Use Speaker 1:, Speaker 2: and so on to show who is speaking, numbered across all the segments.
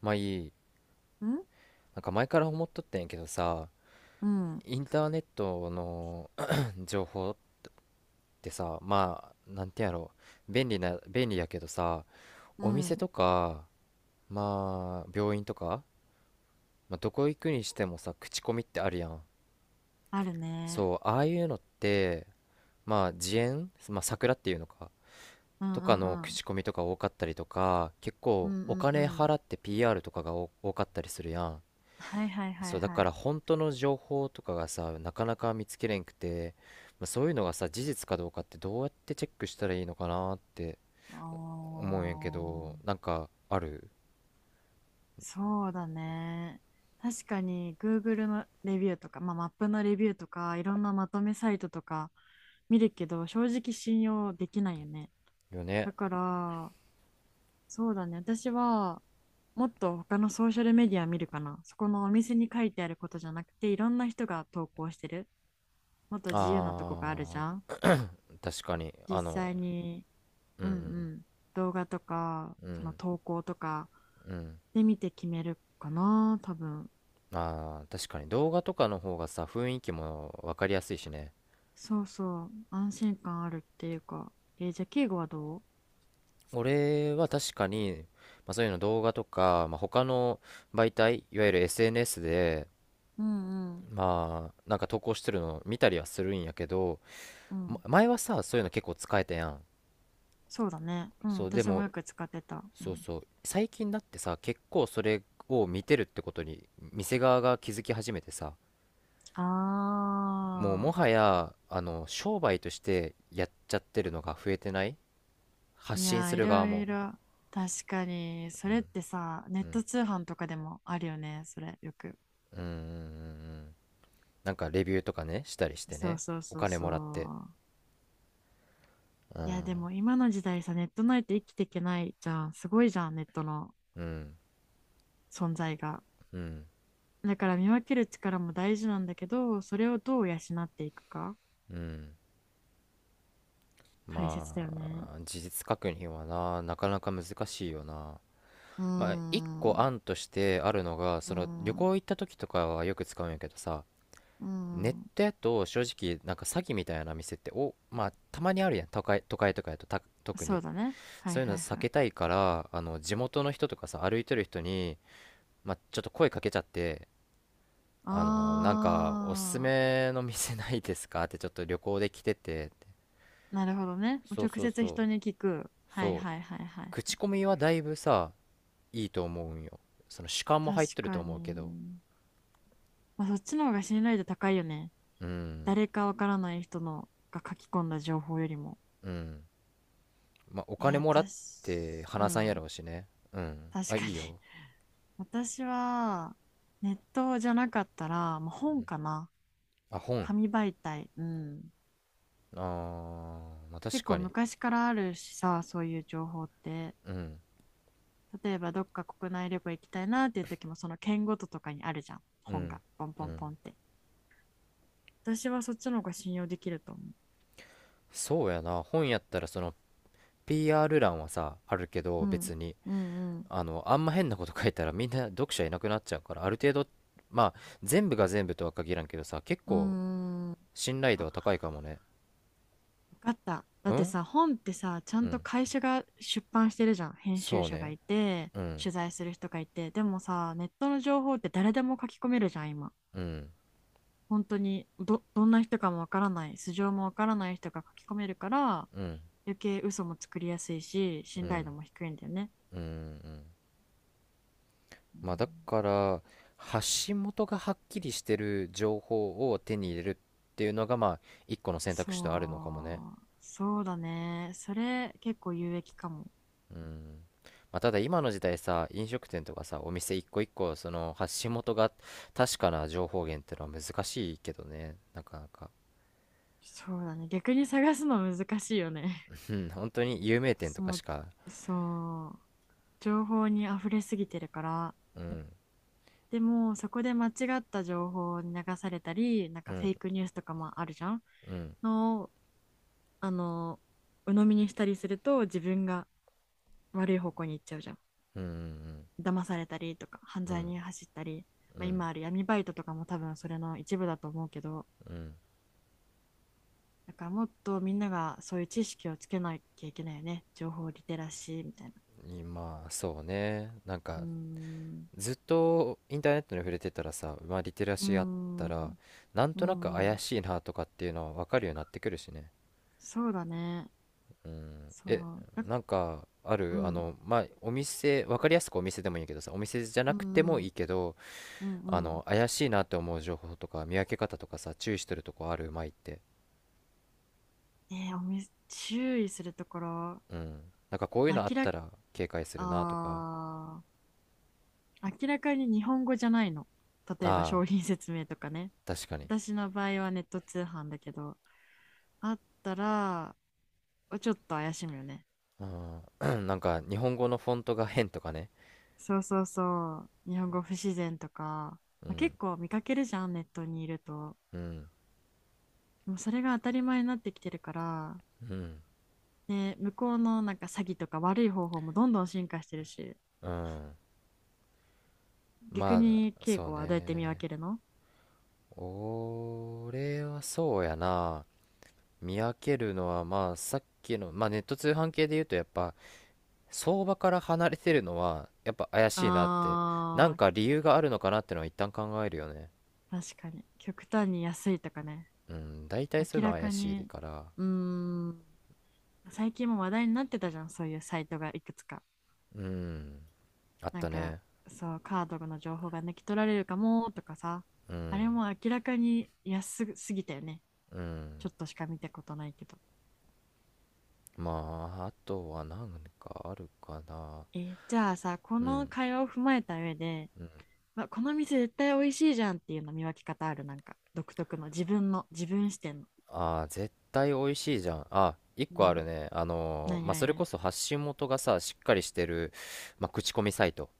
Speaker 1: まあいい。
Speaker 2: ん。
Speaker 1: なんか前から思っとったんやけどさ、
Speaker 2: うん、
Speaker 1: インターネットの 情報ってさ、まあ、なんてやろう、便利やけどさ、
Speaker 2: う
Speaker 1: お店
Speaker 2: ん、
Speaker 1: とか、まあ、病院とか、まあ、どこ行くにしてもさ、口コミってあるやん。
Speaker 2: あるね。
Speaker 1: そう、ああいうのって、まあ、自演、まあ、桜っていうのか、
Speaker 2: う
Speaker 1: と
Speaker 2: んう
Speaker 1: かの
Speaker 2: んうん。
Speaker 1: 口コミとか多かったりとか、結
Speaker 2: うん
Speaker 1: 構
Speaker 2: う
Speaker 1: お
Speaker 2: んう
Speaker 1: 金
Speaker 2: ん。
Speaker 1: 払って PR とかが多かったりするやん。
Speaker 2: はいはいは
Speaker 1: そ
Speaker 2: い
Speaker 1: うだ
Speaker 2: は
Speaker 1: から
Speaker 2: い。
Speaker 1: 本当の情報とかがさなかなか見つけれんくて、まあ、そういうのがさ事実かどうかってどうやってチェックしたらいいのかなって
Speaker 2: お
Speaker 1: 思うんやけど、
Speaker 2: ー、
Speaker 1: なんかある
Speaker 2: そうだね。確かに Google のレビューとか、まあ、マップのレビューとか、いろんなまとめサイトとか見るけど、正直信用できないよね。
Speaker 1: よね。
Speaker 2: だから、そうだね。私は、もっと他のソーシャルメディア見るかな。そこのお店に書いてあることじゃなくて、いろんな人が投稿してる。もっと自由なとこがあるじ
Speaker 1: あ
Speaker 2: ゃん。
Speaker 1: ー、確かに。
Speaker 2: 実際に、
Speaker 1: う
Speaker 2: うんう
Speaker 1: ん
Speaker 2: ん、動画とか、
Speaker 1: うんう
Speaker 2: その
Speaker 1: ん。
Speaker 2: 投稿とか
Speaker 1: うん。
Speaker 2: で見て決めるかな、多分。
Speaker 1: あー、確かに動画とかの方がさ、雰囲気も分かりやすいしね。
Speaker 2: そうそう、安心感あるっていうか。じゃあ、敬語はどう？
Speaker 1: 俺は確かに、まあ、そういうの動画とか、まあ、他の媒体、いわゆる SNS で
Speaker 2: うんうん
Speaker 1: まあなんか投稿してるの見たりはするんやけど、
Speaker 2: う
Speaker 1: ま、
Speaker 2: ん。
Speaker 1: 前はさ、そういうの結構使えたやん。
Speaker 2: そうだね。うん、
Speaker 1: そう。で
Speaker 2: 私も
Speaker 1: も、
Speaker 2: よく使ってた。う
Speaker 1: そう
Speaker 2: ん、
Speaker 1: そう、最近だってさ、結構それを見てるってことに店側が気づき始めてさ、もうも
Speaker 2: あ
Speaker 1: はや商売としてやっちゃってるのが増えてない？
Speaker 2: ー、
Speaker 1: 発
Speaker 2: い
Speaker 1: 信
Speaker 2: や
Speaker 1: す
Speaker 2: ー、い
Speaker 1: る側
Speaker 2: ろい
Speaker 1: も。
Speaker 2: ろ。確かに、そ
Speaker 1: う
Speaker 2: れっ
Speaker 1: ん
Speaker 2: てさ、ネッ
Speaker 1: うん
Speaker 2: ト通販とかでもあるよね、それ、よく。
Speaker 1: うん。うんうんうん。なんかレビューとかねしたりして
Speaker 2: そう
Speaker 1: ね。
Speaker 2: そう
Speaker 1: お
Speaker 2: そう
Speaker 1: 金
Speaker 2: そ
Speaker 1: もらって。
Speaker 2: う。
Speaker 1: う
Speaker 2: いや、
Speaker 1: ん
Speaker 2: でも今の時代さ、ネットないと生きていけないじゃん。すごいじゃん、ネットの
Speaker 1: うん
Speaker 2: 存在が。
Speaker 1: うん
Speaker 2: だから見分ける力も大事なんだけど、それをどう養っていくか、
Speaker 1: うん。
Speaker 2: 大切
Speaker 1: ま
Speaker 2: だよね。
Speaker 1: あ、事実確認はな、なかなか難しいよな。
Speaker 2: うー
Speaker 1: まあ、一
Speaker 2: ん、
Speaker 1: 個
Speaker 2: う
Speaker 1: 案としてあるのが、
Speaker 2: ー
Speaker 1: その旅
Speaker 2: ん、う
Speaker 1: 行行った時とかはよく使うんやけどさ、
Speaker 2: ー
Speaker 1: ネッ
Speaker 2: ん。
Speaker 1: トやと正直、なんか詐欺みたいな店って、まあ、たまにあるやん、都会、都会とかやと、特
Speaker 2: そう
Speaker 1: に。
Speaker 2: だね。はい
Speaker 1: そういうの
Speaker 2: はい
Speaker 1: 避
Speaker 2: はい。
Speaker 1: けたいから、地元の人とかさ、歩いてる人に、まあ、ちょっと声かけちゃって、なんか、おすす
Speaker 2: あ
Speaker 1: めの店ないですかって、ちょっと旅行で来てて、
Speaker 2: ー、なるほどね。
Speaker 1: そう
Speaker 2: 直
Speaker 1: そう
Speaker 2: 接
Speaker 1: そ
Speaker 2: 人
Speaker 1: う、
Speaker 2: に聞く。はい
Speaker 1: そ
Speaker 2: はい
Speaker 1: う。
Speaker 2: はいはい。
Speaker 1: 口コミはだいぶさ、いいと思うんよ。その主観も入っ
Speaker 2: 確
Speaker 1: てると
Speaker 2: か
Speaker 1: 思うけど。
Speaker 2: に。まあ、そっちの方が信頼度高いよね。
Speaker 1: うん
Speaker 2: 誰かわからない人のが書き込んだ情報よりも。
Speaker 1: うん。まあ、お
Speaker 2: え、
Speaker 1: 金もらって
Speaker 2: 私、う
Speaker 1: 話さんや
Speaker 2: ん、
Speaker 1: ろうしね。うん、
Speaker 2: 確
Speaker 1: あ、
Speaker 2: か
Speaker 1: いい
Speaker 2: に。
Speaker 1: よ。
Speaker 2: 私は、ネットじゃなかったら、もう本かな。
Speaker 1: あ、本。
Speaker 2: 紙媒体。うん。
Speaker 1: あー、まあ確
Speaker 2: 結構
Speaker 1: かに。
Speaker 2: 昔からあるしさ、そういう情報って。
Speaker 1: うん
Speaker 2: 例えば、どっか国内旅行行きたいなっていう時も、その県ごととかにあるじゃん。
Speaker 1: う
Speaker 2: 本
Speaker 1: ん
Speaker 2: が。ポン
Speaker 1: う
Speaker 2: ポン
Speaker 1: ん。
Speaker 2: ポンって。私はそっちの方が信用できると思
Speaker 1: そうやな、本やったらその PR 欄はさあるけ
Speaker 2: う。
Speaker 1: ど、
Speaker 2: うん。
Speaker 1: 別に
Speaker 2: うんうん。
Speaker 1: あんま変なこと書いたらみんな読者いなくなっちゃうから、ある程度、まあ、全部が全部とは限らんけどさ、結
Speaker 2: うー
Speaker 1: 構
Speaker 2: ん。
Speaker 1: 信頼度
Speaker 2: あ、
Speaker 1: は高いかもね。
Speaker 2: 分かった。だ
Speaker 1: う
Speaker 2: って
Speaker 1: ん
Speaker 2: さ、本ってさ、ちゃ
Speaker 1: う
Speaker 2: んと
Speaker 1: ん。
Speaker 2: 会社が出版してるじゃん。編集
Speaker 1: そう
Speaker 2: 者が
Speaker 1: ね。
Speaker 2: いて、
Speaker 1: うん
Speaker 2: 取材する人がいて。でもさ、ネットの情報って誰でも書き込めるじゃん、今。
Speaker 1: うん
Speaker 2: 本当にど、どんな人かもわからない、素性もわからない人が書き込めるから、
Speaker 1: うん。
Speaker 2: 余計嘘も作りやすいし、
Speaker 1: う
Speaker 2: 信頼度
Speaker 1: ん
Speaker 2: も低いんだよね。
Speaker 1: うんうん。
Speaker 2: う
Speaker 1: まあ、だ
Speaker 2: ん。
Speaker 1: から発信元がはっきりしてる情報を手に入れるっていうのが、まあ、一個の選択肢とあるのかもね。
Speaker 2: そう、そうだね。それ結構有益かも。
Speaker 1: うん。まあ、ただ今の時代さ、飲食店とかさ、お店一個一個その発信元が確かな情報源ってのは難しいけどね、なかなか。
Speaker 2: そうだね。逆に探すの難しいよね。
Speaker 1: うん 本当に有名店と か
Speaker 2: も
Speaker 1: しか。
Speaker 2: う、そう。情報に溢れすぎてるから、
Speaker 1: うん
Speaker 2: でもそこで間違った情報に流されたり、なん
Speaker 1: う
Speaker 2: かフェ
Speaker 1: ん
Speaker 2: イクニュースとかもあるじゃん、
Speaker 1: うん。
Speaker 2: のを、あの鵜呑みにしたりすると自分が悪い方向に行っちゃうじゃん。
Speaker 1: うんうん
Speaker 2: 騙されたりとか犯
Speaker 1: うん。う
Speaker 2: 罪
Speaker 1: ん
Speaker 2: に走ったり、
Speaker 1: う
Speaker 2: まあ、
Speaker 1: ん
Speaker 2: 今ある闇バイトとかも多分それの一部だと思うけど、だからもっとみんながそういう知識をつけなきゃいけないよね、情報リテラシーみたいな。
Speaker 1: うん。まあそうね。なん
Speaker 2: うー
Speaker 1: か
Speaker 2: ん。
Speaker 1: ずっとインターネットに触れてたらさ、まあ、リテラ
Speaker 2: うー
Speaker 1: シーあった
Speaker 2: ん。う
Speaker 1: ら、
Speaker 2: ん。
Speaker 1: なん
Speaker 2: う
Speaker 1: となく怪
Speaker 2: ん。
Speaker 1: しいなとかっていうのは分かるようになってくるしね。
Speaker 2: そうだね。
Speaker 1: うん、
Speaker 2: そ
Speaker 1: え、
Speaker 2: う
Speaker 1: な
Speaker 2: だ。
Speaker 1: んかあ
Speaker 2: う
Speaker 1: る、
Speaker 2: ん、
Speaker 1: まあ、お店分かりやすく、お店でもいいけどさ、お店じゃな
Speaker 2: う
Speaker 1: くて
Speaker 2: ん、
Speaker 1: も
Speaker 2: う
Speaker 1: いい
Speaker 2: ん、
Speaker 1: けど、
Speaker 2: うんうん。
Speaker 1: 怪しいなって思う情報とか見分け方とかさ、注意してるとこある、うまいって？
Speaker 2: えー、おみ、注意するところ、
Speaker 1: うん。なんかこういう
Speaker 2: 明
Speaker 1: のあっ
Speaker 2: ら
Speaker 1: た
Speaker 2: か、
Speaker 1: ら警戒するなとか。
Speaker 2: あ明らかに日本語じゃないの。例えば
Speaker 1: あ
Speaker 2: 商品説明とかね。
Speaker 1: あ、確かに。
Speaker 2: 私の場合はネット通販だけど、あったら、ちょっと怪しむよね。
Speaker 1: うん なんか日本語のフォントが変とかね。
Speaker 2: そうそうそう。日本語不自然とか、
Speaker 1: う
Speaker 2: まあ、
Speaker 1: ん
Speaker 2: 結構見かけるじゃん、ネットにいると。
Speaker 1: うん
Speaker 2: でもそれが当たり前になってきてるから、
Speaker 1: うん
Speaker 2: ね、向こうのなんか詐欺とか悪い方法もどんどん進化してるし、
Speaker 1: うん。
Speaker 2: 逆
Speaker 1: ま
Speaker 2: に
Speaker 1: あ
Speaker 2: 稽
Speaker 1: そう
Speaker 2: 古はどうやって見分
Speaker 1: ね。
Speaker 2: けるの？
Speaker 1: 俺はそうやな。見分けるのはまあさっきの、まあネット通販系で言うと、やっぱ相場から離れてるのはやっぱ怪しいなって、なん
Speaker 2: あ
Speaker 1: か理由があるのかなってのは一旦考えるよね。
Speaker 2: ー、確かに。極端に安いとかね。
Speaker 1: うん、大体そういう
Speaker 2: 明
Speaker 1: の
Speaker 2: ら
Speaker 1: は怪
Speaker 2: か
Speaker 1: しい
Speaker 2: に。
Speaker 1: から。
Speaker 2: うーん。最近も話題になってたじゃん、そういうサイトがいくつか。
Speaker 1: うん、あっ
Speaker 2: なん
Speaker 1: た
Speaker 2: か、
Speaker 1: ね。
Speaker 2: そう、カードの情報が抜き取られるかもとかさ。
Speaker 1: う
Speaker 2: あれ
Speaker 1: ん
Speaker 2: も明らかに安すぎたよね。
Speaker 1: うん。
Speaker 2: ちょっとしか見たことないけど。
Speaker 1: まあ、あとは何かあるかな。
Speaker 2: じゃあさ、こ
Speaker 1: う
Speaker 2: の
Speaker 1: ん。
Speaker 2: 会話を踏まえた上で、この店絶対美味しいじゃんっていうの見分け方ある？なんか、独特の、自分視点の。
Speaker 1: ああ、絶対美味しいじゃん。あ、一
Speaker 2: う
Speaker 1: 個あ
Speaker 2: ん、
Speaker 1: るね。
Speaker 2: 何
Speaker 1: まあ、それこ
Speaker 2: 何？
Speaker 1: そ発信元がさ、しっかりしてる、まあ、口コミサイト。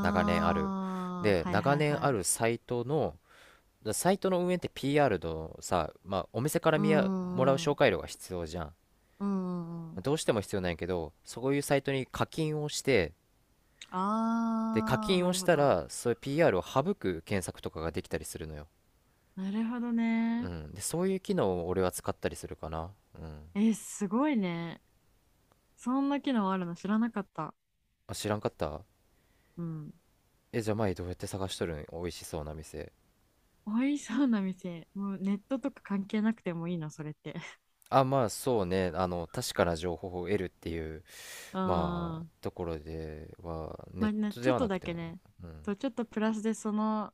Speaker 1: 長年ある。
Speaker 2: あ
Speaker 1: で、
Speaker 2: ー、はい
Speaker 1: 長
Speaker 2: はい
Speaker 1: 年
Speaker 2: は
Speaker 1: ある
Speaker 2: い。
Speaker 1: サイトの、サイトの運営って PR のさ、まあ、お店から
Speaker 2: うんう
Speaker 1: もらう
Speaker 2: んう
Speaker 1: 紹
Speaker 2: ん。
Speaker 1: 介料が必要じゃん。
Speaker 2: うんうんう
Speaker 1: まあ、
Speaker 2: ん。
Speaker 1: どうしても必要なんやけど、そういうサイトに課金をして、で、課
Speaker 2: ああ、
Speaker 1: 金
Speaker 2: な
Speaker 1: を
Speaker 2: る
Speaker 1: し
Speaker 2: ほ
Speaker 1: た
Speaker 2: ど。
Speaker 1: ら、そういう PR を省く検索とかができたりするのよ。
Speaker 2: なるほど
Speaker 1: う
Speaker 2: ね。
Speaker 1: ん。で、そういう機能を俺は使ったりするかな。うん。
Speaker 2: え、すごいね。そんな機能あるの知らなかった。
Speaker 1: あ、知らんかった？
Speaker 2: うん。
Speaker 1: え、じゃあ前どうやって探しとるん、美味しそうな店？
Speaker 2: 美味しそうな店。もうネットとか関係なくてもいいの、それって？
Speaker 1: あ、まあそうね。確かな情報を得るっていう、
Speaker 2: う
Speaker 1: まあ、
Speaker 2: ん。
Speaker 1: ところでは、ネ
Speaker 2: ま
Speaker 1: ッ
Speaker 2: あね、
Speaker 1: ト
Speaker 2: ちょ
Speaker 1: で
Speaker 2: っ
Speaker 1: は
Speaker 2: と
Speaker 1: なく
Speaker 2: だ
Speaker 1: て
Speaker 2: け
Speaker 1: も。
Speaker 2: ね。
Speaker 1: うん。
Speaker 2: と、ちょっとプラスでその、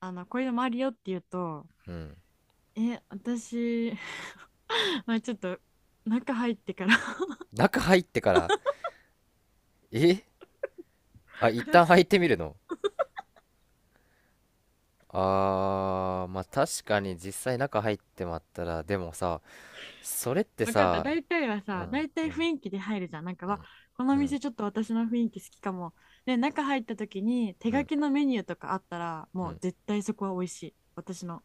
Speaker 2: こういうのもあるよって言うと、
Speaker 1: うん。
Speaker 2: え、私、まあちょっと中入ってから。
Speaker 1: 中入ってから、えあ、一旦入っ てみるの？あー、まあ確かに実際中入ってまったら、でもさ、それって
Speaker 2: 分かった。
Speaker 1: さ、うん、
Speaker 2: 大
Speaker 1: う
Speaker 2: 体雰
Speaker 1: ん、
Speaker 2: 囲気で入るじゃん。なんか
Speaker 1: う
Speaker 2: は、わ
Speaker 1: ん、
Speaker 2: この
Speaker 1: うん、
Speaker 2: 店ちょっと私の雰囲気好きかも。で、中入った時に手
Speaker 1: う
Speaker 2: 書
Speaker 1: ん、
Speaker 2: きのメニューとかあったら、
Speaker 1: う
Speaker 2: もう
Speaker 1: ん。
Speaker 2: 絶対そこは美味しい。私の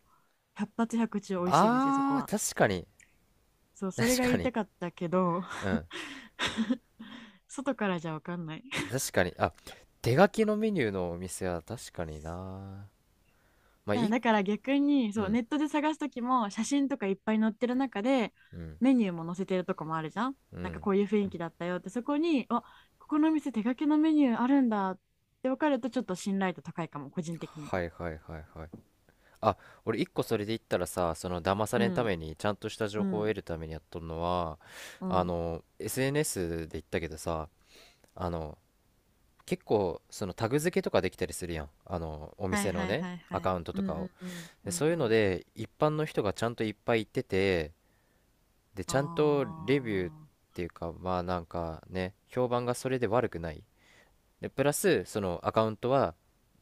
Speaker 2: 百発百中美味しい店、そこ
Speaker 1: あー、
Speaker 2: は。
Speaker 1: 確かに。
Speaker 2: そう、それ
Speaker 1: 確
Speaker 2: が言
Speaker 1: か
Speaker 2: いた
Speaker 1: に。
Speaker 2: かったけど、
Speaker 1: う ん。
Speaker 2: 外からじゃ分かんない。
Speaker 1: 確かに。あ、手書きのメニューのお店は確かにな。まあ、
Speaker 2: だ
Speaker 1: い、
Speaker 2: だから逆に、
Speaker 1: う
Speaker 2: そう
Speaker 1: ん、
Speaker 2: ネットで探すときも、写真とかいっぱい載ってる中で
Speaker 1: うん、
Speaker 2: メニューも載せてるとこもあるじゃん。
Speaker 1: う
Speaker 2: なんか
Speaker 1: ん。
Speaker 2: こういう雰囲気だったよってそこに、あ、ここの店手書きのメニューあるんだって分かると、ちょっと信頼度高いかも、個人的に
Speaker 1: は
Speaker 2: は。
Speaker 1: いはいはいはい。あ、俺一個それで言ったらさ、その騙さ
Speaker 2: う
Speaker 1: れんた
Speaker 2: ん
Speaker 1: めに、ちゃんとした情
Speaker 2: う
Speaker 1: 報を
Speaker 2: ん
Speaker 1: 得るためにやっとるのは、
Speaker 2: うん。
Speaker 1: SNS で言ったけどさ、あの、結構、そのタグ付けとかできたりするやん。お
Speaker 2: はい
Speaker 1: 店の
Speaker 2: はい
Speaker 1: ね、
Speaker 2: はい
Speaker 1: ア
Speaker 2: はい。
Speaker 1: カウント
Speaker 2: う
Speaker 1: と
Speaker 2: ん
Speaker 1: か
Speaker 2: う
Speaker 1: を。
Speaker 2: んうん
Speaker 1: で、
Speaker 2: うん。
Speaker 1: そうい
Speaker 2: う
Speaker 1: うの
Speaker 2: ん。
Speaker 1: で、一般の人がちゃんといっぱい行ってて、で、ち
Speaker 2: あ
Speaker 1: ゃんとレビューっていうか、まあなんかね、評判がそれで悪くない。で、プラス、そのアカウントは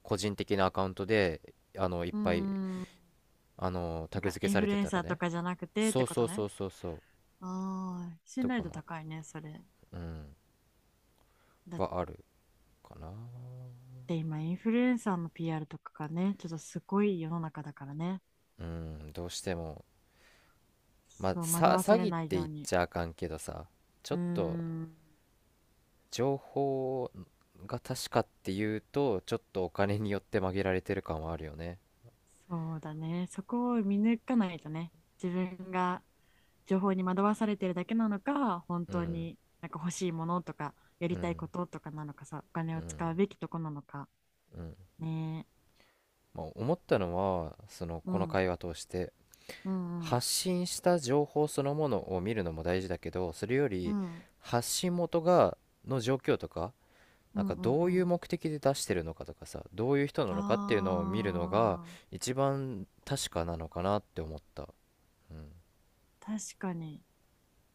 Speaker 1: 個人的なアカウントで、いっ
Speaker 2: あ、うー
Speaker 1: ぱい、
Speaker 2: ん。な
Speaker 1: タ
Speaker 2: ん
Speaker 1: グ
Speaker 2: か
Speaker 1: 付け
Speaker 2: イン
Speaker 1: さ
Speaker 2: フ
Speaker 1: れ
Speaker 2: ル
Speaker 1: て
Speaker 2: エン
Speaker 1: たら
Speaker 2: サーと
Speaker 1: ね。
Speaker 2: かじゃなくてっ
Speaker 1: そ
Speaker 2: て
Speaker 1: う
Speaker 2: こ
Speaker 1: そ
Speaker 2: と
Speaker 1: うそ
Speaker 2: ね。
Speaker 1: うそうそう。
Speaker 2: ああ、信
Speaker 1: と
Speaker 2: 頼
Speaker 1: か
Speaker 2: 度
Speaker 1: もある、
Speaker 2: 高いね、それ。
Speaker 1: うん、
Speaker 2: だ
Speaker 1: はあるかな。
Speaker 2: で、今、インフルエンサーの PR とかがね、ちょっとすごい世の中だからね。
Speaker 1: うん、どうしても。まあ、
Speaker 2: そう、惑
Speaker 1: さ、
Speaker 2: わ
Speaker 1: 詐
Speaker 2: され
Speaker 1: 欺っ
Speaker 2: ない
Speaker 1: て言
Speaker 2: よ
Speaker 1: っ
Speaker 2: うに。
Speaker 1: ちゃあかんけどさ、ちょ
Speaker 2: う
Speaker 1: っ
Speaker 2: ー
Speaker 1: と
Speaker 2: ん、
Speaker 1: 情報が確かっていうと、ちょっとお金によって曲げられてる感はあるよね。
Speaker 2: そうだね。そこを見抜かないとね、自分が情報に惑わされてるだけなのか、本
Speaker 1: う
Speaker 2: 当
Speaker 1: ん、
Speaker 2: になんか欲しいものとか、や
Speaker 1: う
Speaker 2: りたい
Speaker 1: ん。
Speaker 2: こととかなのかさ、お金
Speaker 1: う
Speaker 2: を
Speaker 1: ん
Speaker 2: 使うべきとこなのか。
Speaker 1: うん。
Speaker 2: ねえ。
Speaker 1: まあ、思ったのはその
Speaker 2: う
Speaker 1: この
Speaker 2: ん、
Speaker 1: 会話通して、
Speaker 2: うん、うん、
Speaker 1: 発信した情報そのものを見るのも大事だけど、それよ
Speaker 2: う
Speaker 1: り
Speaker 2: ん、
Speaker 1: 発信元がの状況とか、
Speaker 2: う
Speaker 1: なん
Speaker 2: ん、
Speaker 1: か
Speaker 2: うん
Speaker 1: ど
Speaker 2: う
Speaker 1: ういう
Speaker 2: ん。
Speaker 1: 目的で出してるのかとかさ、どういう人なのかっていうのを見るのが
Speaker 2: あ
Speaker 1: 一番確かなのかなって思った。うん
Speaker 2: ー、確かに。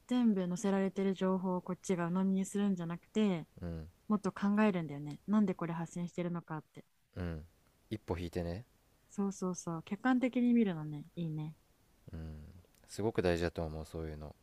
Speaker 2: 全部載せられてる情報をこっちが鵜呑みにするんじゃなくて、
Speaker 1: うん
Speaker 2: もっと考えるんだよね。なんでこれ発信してるのかって。
Speaker 1: うん。一歩引いてね。
Speaker 2: そうそうそう。客観的に見るのね。いいね。
Speaker 1: うん。すごく大事だと思う、そういうの。